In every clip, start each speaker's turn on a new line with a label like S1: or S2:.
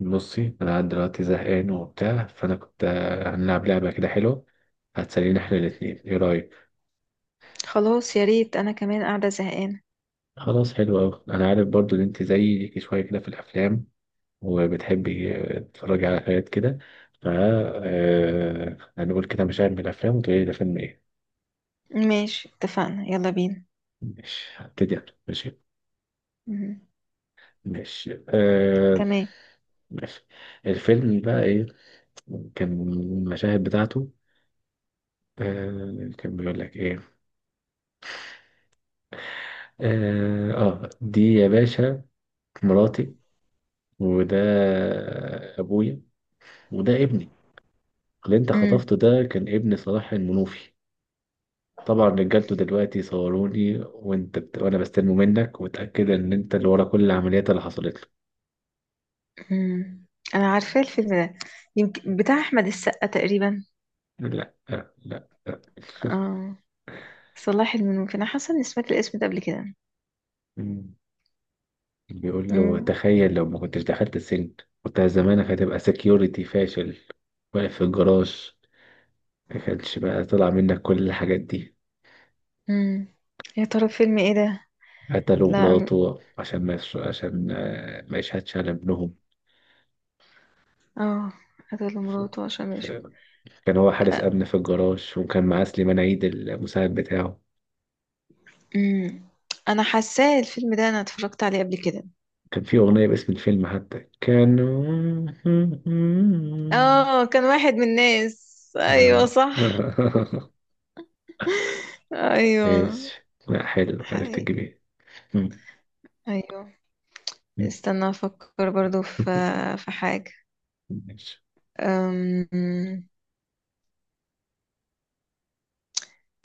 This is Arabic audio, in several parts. S1: بصي انا قاعد دلوقتي زهقان وبتاع، فانا كنت هنلعب لعبه كده حلوه هتسلينا احنا الاتنين، ايه رايك؟
S2: خلاص يا ريت انا كمان قاعدة زهقانة.
S1: خلاص حلو اوي. انا عارف برضو ان انت زيي، ليكي شويه كده في الافلام وبتحبي تتفرجي على حاجات كده. ف آه، هنقول كده مشاهد من الافلام وتقولي لي ده فيلم ايه.
S2: ماشي اتفقنا يلا بينا.
S1: ماشي هبتدي أنا. ماشي
S2: مم.
S1: ماشي
S2: تمام.
S1: ماشي. الفيلم بقى ايه؟ كان المشاهد بتاعته كان بيقول لك ايه. اه دي يا باشا مراتي، وده أبويا، وده ابني اللي أنت
S2: مم.
S1: خطفته. ده كان ابن صلاح المنوفي. طبعا رجالته دلوقتي صوروني وانت وانا بستلمه منك، وتأكد ان انت اللي ورا كل العمليات اللي حصلت له.
S2: مم. انا عارفة الفيلم ده. يمكن بتاع احمد السقا تقريبا.
S1: لا لا لا.
S2: اه. صلاح المنوفي، انا حاسة اني سمعت الاسم ده قبل كده.
S1: مم. بيقول له
S2: مم.
S1: تخيل لو ما كنتش دخلت السجن، كنت زمانك هتبقى سكيورتي فاشل واقف في الجراج. ما كانش بقى طلع منك كل الحاجات دي.
S2: مم. يا ترى فيلم ايه ده؟
S1: قتلوا
S2: لا
S1: مراته عشان ما يش- عشان آه، ما يشهدش على ابنهم.
S2: اه. قتل مراته عشان، ماشي.
S1: كان هو حارس أمن في الجراج، وكان معاه سليمان عيد المساعد بتاعه.
S2: مم. انا حاساه الفيلم ده، انا اتفرجت عليه قبل كده.
S1: كان في أغنية باسم الفيلم حتى كان.
S2: اه، كان واحد من الناس. ايوه
S1: آه.
S2: صح. ايوه.
S1: ماشي. لا حلو، عرفت
S2: حقيقي.
S1: الجميل. مم.
S2: ايوه.
S1: مم.
S2: استنى افكر برضو في حاجة.
S1: ماشي.
S2: أم...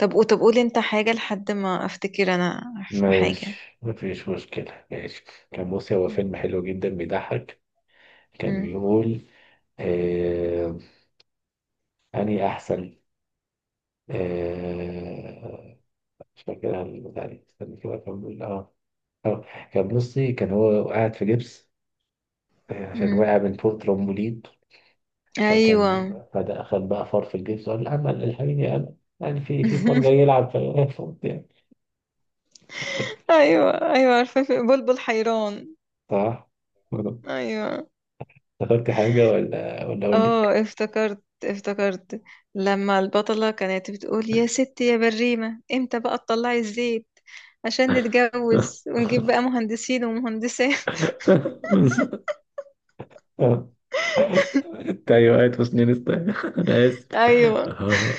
S2: طب قولي انت حاجة لحد ما افتكر انا في حاجة.
S1: ماشي مفيش مشكلة ماشي. كان بص هو فيلم حلو جدا بيضحك. كان
S2: أم،
S1: بيقول آه... أني أحسن. آه... مش فاكرها البتاع دي، استنى كده أكمل. آه اه، كان بصي كان هو قاعد في جبس عشان
S2: أم.
S1: وقع من فوق ترمبولين.
S2: ايوه.
S1: فكان بدأ خد بقى فار في الجبس، وقال لا أمل الحقيني أمل، يعني في فار جاي يلعب فوت يعني.
S2: ايوه ايوه، عارفة، في بلبل حيران.
S1: صح.
S2: ايوه.
S1: افتكرت حاجة ولا أقول لك؟
S2: اه افتكرت افتكرت لما البطلة كانت بتقول يا ستي يا بريمة امتى بقى تطلعي الزيت عشان نتجوز ونجيب بقى مهندسين ومهندسات.
S1: اه انت ايوه قاعد في سنين است- انا اسف.
S2: ايوه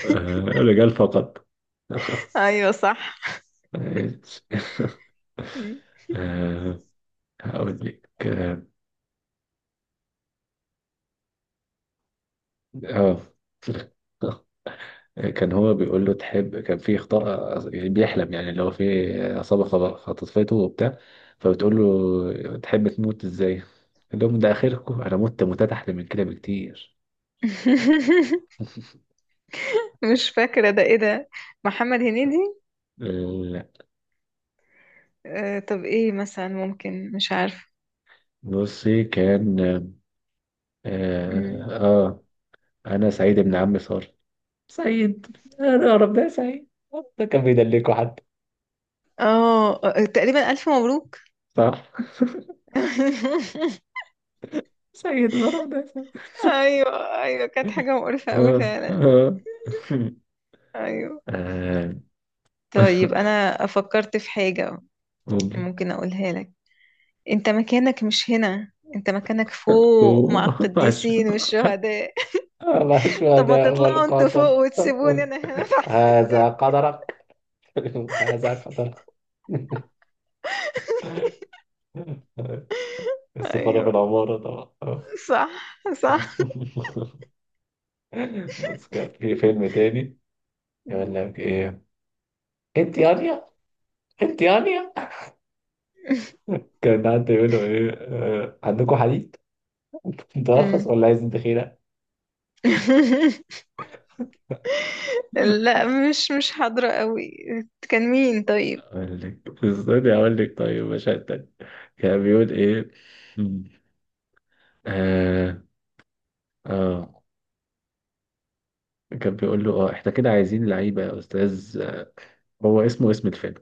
S1: رجال فقط.
S2: ايوه صح.
S1: ماشي. آه، هقول لك. اه آه. كان هو بيقول له تحب، كان في خطأ بيحلم يعني، اللي هو في عصابة خطفته وبتاع. فبتقول له تحب تموت ازاي؟ قال لهم ده آخركم؟ أنا مت موتات أحلى من كده بكتير.
S2: مش فاكرة ده، ايه ده؟ محمد هنيدي.
S1: لا
S2: آه، طب ايه مثلا؟ ممكن، مش عارفة.
S1: بصي كان
S2: مم.
S1: آه, آه أنا سعيد ابن عم صار. سعيد أنا أعرف ده سعيد. ده كان بيدلكوا حد.
S2: اه، تقريبا ألف مبروك.
S1: صح. سعيد أنا أعرف ده سعيد.
S2: ايوه ايوه، كانت حاجة مقرفة قوي
S1: آه
S2: فعلا.
S1: آه
S2: ايوه.
S1: آه،
S2: طيب انا فكرت في حاجة.
S1: ممكن.
S2: ممكن اقولها لك؟ انت مكانك مش هنا، انت مكانك فوق
S1: أوه،
S2: مع القديسين والشهداء.
S1: الله،
S2: طب ما
S1: الشهداء
S2: تطلعوا انتوا فوق
S1: والقاتل.
S2: وتسيبوني انا هنا تحت.
S1: هذا قدرك. هذا قدرك. السفارة في
S2: ايوه
S1: العمارة طبعا.
S2: صح صح.
S1: بس كان في فيلم تاني يقول
S2: مم.
S1: لك ايه، انت يانيا انت يانيا. كان حد يقول له ايه عندكم حديد؟ انت ارخص
S2: مم.
S1: ولا عايز انت خيره.
S2: لا، مش حاضرة قوي. كان مين طيب؟
S1: اقول لك استني اقول لك، طيب مشهد تاني. كان بيقول ايه آه آه كان بيقول له اه احنا كده عايزين لعيبة يا استاذ، هو اسمه اسم الفيلم.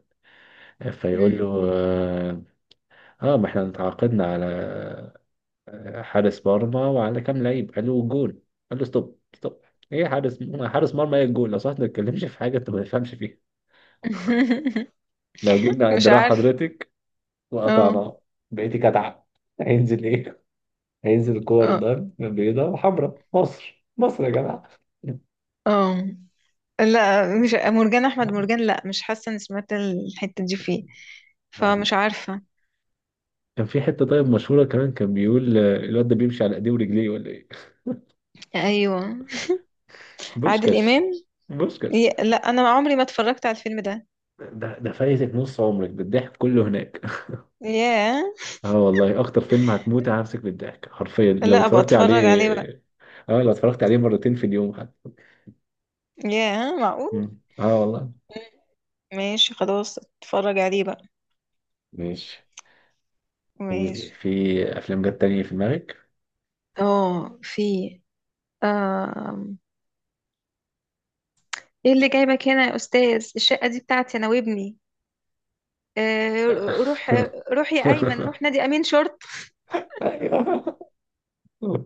S1: فيقول له
S2: مم.
S1: اه ما احنا تعاقدنا على حارس مرمى وعلى كام لعيب. قال له جول. قال له ستوب ستوب، ايه حارس؟ حارس مرمى ايه الجول؟ لو صح ما تتكلمش في حاجة انت ما تفهمش فيها. لو جبنا
S2: مش
S1: دراع
S2: عارف.
S1: حضرتك
S2: اه
S1: وقطعناه بقيتي كتعة. هينزل ايه؟ هينزل كور
S2: اه
S1: ضرب بيضاء وحمراء. مصر مصر يا جماعة.
S2: اه. لا مش مرجان احمد مرجان، لا مش حاسة اني سمعت الحتة دي فيه. فمش عارفة.
S1: كان في حتة طيب مشهورة كمان، كان بيقول الواد ده بيمشي على ايديه ورجليه ولا ايه.
S2: ايوه. عادل
S1: بوسكاس،
S2: امام.
S1: بوسكاس.
S2: لا، انا عمري ما اتفرجت على الفيلم ده.
S1: ده ده فايتك نص عمرك بالضحك كله هناك.
S2: ياه.
S1: اه والله اكتر فيلم هتموت هنفسك بالضحك حرفيا لو
S2: لا ابقى
S1: اتفرجت عليه.
S2: اتفرج عليه بقى.
S1: اه لو اتفرجت عليه مرتين في اليوم حتى.
S2: ياه معقول.
S1: مم. اه والله.
S2: ماشي خلاص اتفرج عليه بقى.
S1: ماشي. قولي
S2: ماشي.
S1: في افلام جت تانية في دماغك؟
S2: اه، في. ايه اللي جايبك هنا يا استاذ؟ الشقه دي بتاعتي انا وابني. آه، روح. روح يا ايمن، روح نادي امين شرطه.
S1: ايوه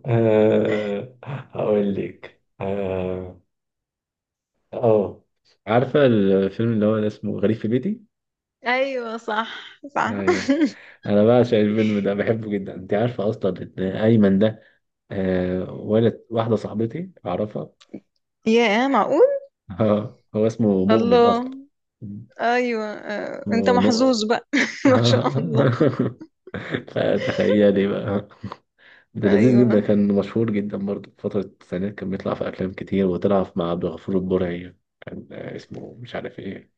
S1: هقول لك اه. آه. عارفة الفيلم اللي هو اسمه غريب في بيتي؟
S2: ايوه صح صح.
S1: ايوه. انا بعشق الفيلم ده بحبه جدا. انت عارفه اصلا ان ايمن ده آه ولد واحده صاحبتي اعرفها.
S2: يا معقول.
S1: هو اسمه مؤمن
S2: الله.
S1: اصلا.
S2: ايوه، انت
S1: اسمه
S2: محظوظ
S1: مؤمن.
S2: بقى. ما شاء الله.
S1: فتخيلي بقى. ده لذيذ جدا،
S2: ايوه.
S1: كان مشهور جدا برضه في فترة التسعينات، كان بيطلع في أفلام كتير، وطلع مع عبد الغفور البرعي. كان اسمه مش عارف ايه.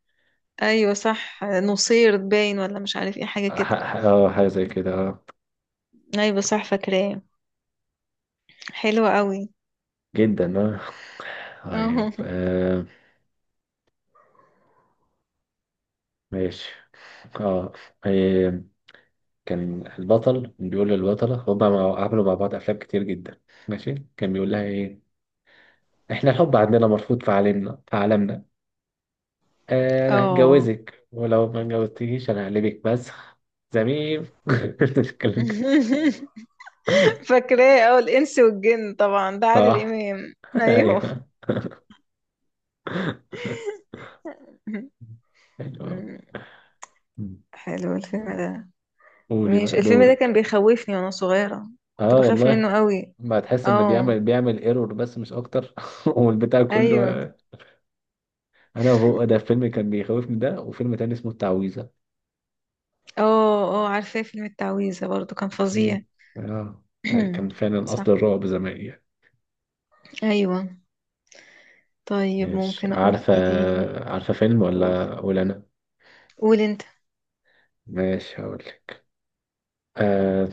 S2: ايوه صح، نصير باين ولا مش عارف ايه، حاجه كده.
S1: اه حاجة زي كده. آه.
S2: ايوه صح فاكراه. حلوه قوي.
S1: جدا اه. طيب
S2: اه.
S1: آه، ماشي اه آه، كان البطل بيقول للبطلة، هما عملوا مع بعض أفلام كتير جدا. ماشي كان بيقول لها إيه، إحنا الحب عندنا مرفوض في عالمنا، في عالمنا. آه أنا
S2: آه.
S1: هتجوزك، ولو ما اتجوزتنيش أنا هقلبك مسخ زميم. الكلام كده.
S2: فاكراه. اه، الانس والجن، طبعا ده عادل
S1: صح.
S2: امام. ايوه.
S1: أيوه. أيوه. مم.
S2: حلو الفيلم ده.
S1: قولي
S2: مش
S1: بقى
S2: الفيلم ده كان
S1: دورك.
S2: بيخوفني وانا صغيرة؟ كنت
S1: اه
S2: بخاف
S1: والله.
S2: منه قوي.
S1: ما تحس ان
S2: اه.
S1: بيعمل ايرور بس مش اكتر والبتاع كله.
S2: ايوه.
S1: انا وهو، ده فيلم كان بيخوفني ده، وفيلم تاني اسمه التعويذة.
S2: اه اه عارفاه، فيلم التعويذة برضو كان فظيع.
S1: مم. آه. أي كان فعلا أصل
S2: صح.
S1: الرعب زمان يعني.
S2: ايوه. طيب
S1: ماشي.
S2: ممكن اقول
S1: عارفة؟
S2: ايه تاني؟
S1: عارفة فيلم
S2: قول.
S1: ولا أنا؟
S2: قول انت.
S1: ماشي هقولك. آه.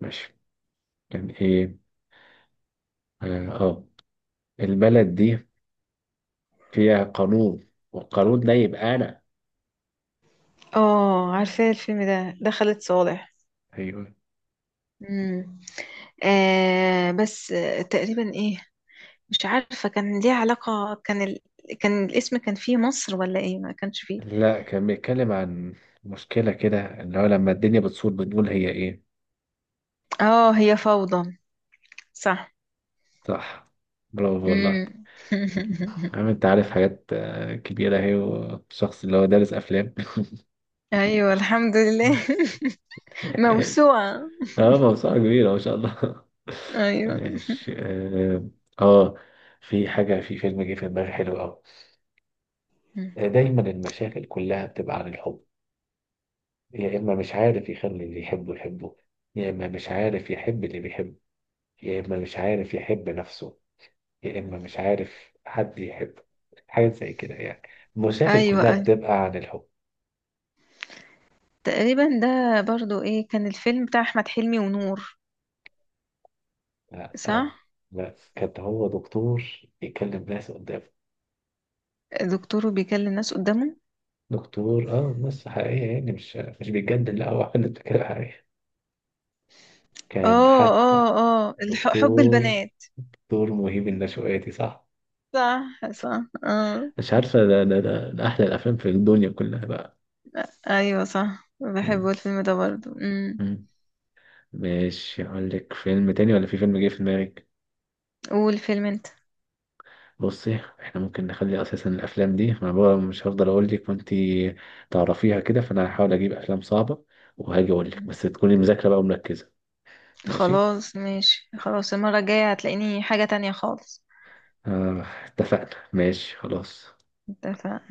S1: ماشي. كان إيه آه. آه. البلد دي فيها قانون، والقانون ده يبقى أنا.
S2: اه عارفاه الفيلم ده، ده خالد صالح.
S1: أيوه.
S2: امم آه بس، تقريبا ايه، مش عارفة، كان ليه علاقة، كان كان الاسم كان فيه مصر ولا ايه؟ ما كانش فيه.
S1: لا كان بيتكلم عن مشكلة كده، اللي هو لما الدنيا بتصور بنقول هي إيه.
S2: اه، هي فوضى. صح.
S1: صح. برافو والله.
S2: امم
S1: عم، أنت عارف حاجات كبيرة أهي، وشخص اللي هو دارس أفلام.
S2: ايوه الحمد لله. موسوعة.
S1: اه موسوعة كبيرة ما شاء الله.
S2: ايوه.
S1: ماشي اه آه، في حاجة، في فيلم جه في دماغي حلو أوي. دايما المشاكل كلها بتبقى عن الحب. يا إما مش عارف يخلي اللي يحبه يحبه، يا إما مش عارف يحب اللي بيحبه، يا إما مش عارف يحب نفسه، يا إما مش عارف حد يحبه. حاجة زي كده يعني. المشاكل
S2: ايوه.
S1: كلها
S2: ايوه
S1: بتبقى عن الحب.
S2: تقريبا، ده برضو ايه؟ كان الفيلم بتاع احمد حلمي ونور.
S1: لا
S2: صح.
S1: لا كان هو دكتور يكلم ناس قدامه.
S2: دكتور بيكلم الناس قدامه.
S1: دكتور اه ناس حقيقية يعني، مش بيتجدد، لا هو حد فكرة حقيقية. كان
S2: اه
S1: حتى
S2: اه اه حب
S1: دكتور،
S2: البنات.
S1: دكتور مهيب النشواتي صح.
S2: صح صح اه.
S1: مش عارفة، ده أحلى الأفلام في الدنيا كلها بقى.
S2: ايوه صح،
S1: مم.
S2: بحبه الفيلم ده برضو.
S1: مم. ماشي أقول لك فيلم تاني ولا في فيلم جه في دماغك؟
S2: قول فيلم انت.
S1: بصي احنا ممكن نخلي أساسا الأفلام دي، أنا بقى مش هفضل أقول لك وأنتي تعرفيها كده، فأنا هحاول أجيب أفلام صعبة وهاجي أقول لك بس تكوني مذاكرة بقى ومركزة. ماشي
S2: خلاص ماشي، خلاص المرة الجاية هتلاقيني حاجة تانية خالص.
S1: آه اتفقنا ماشي خلاص.
S2: اتفق.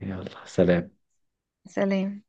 S1: يلا سلام.
S2: سلام.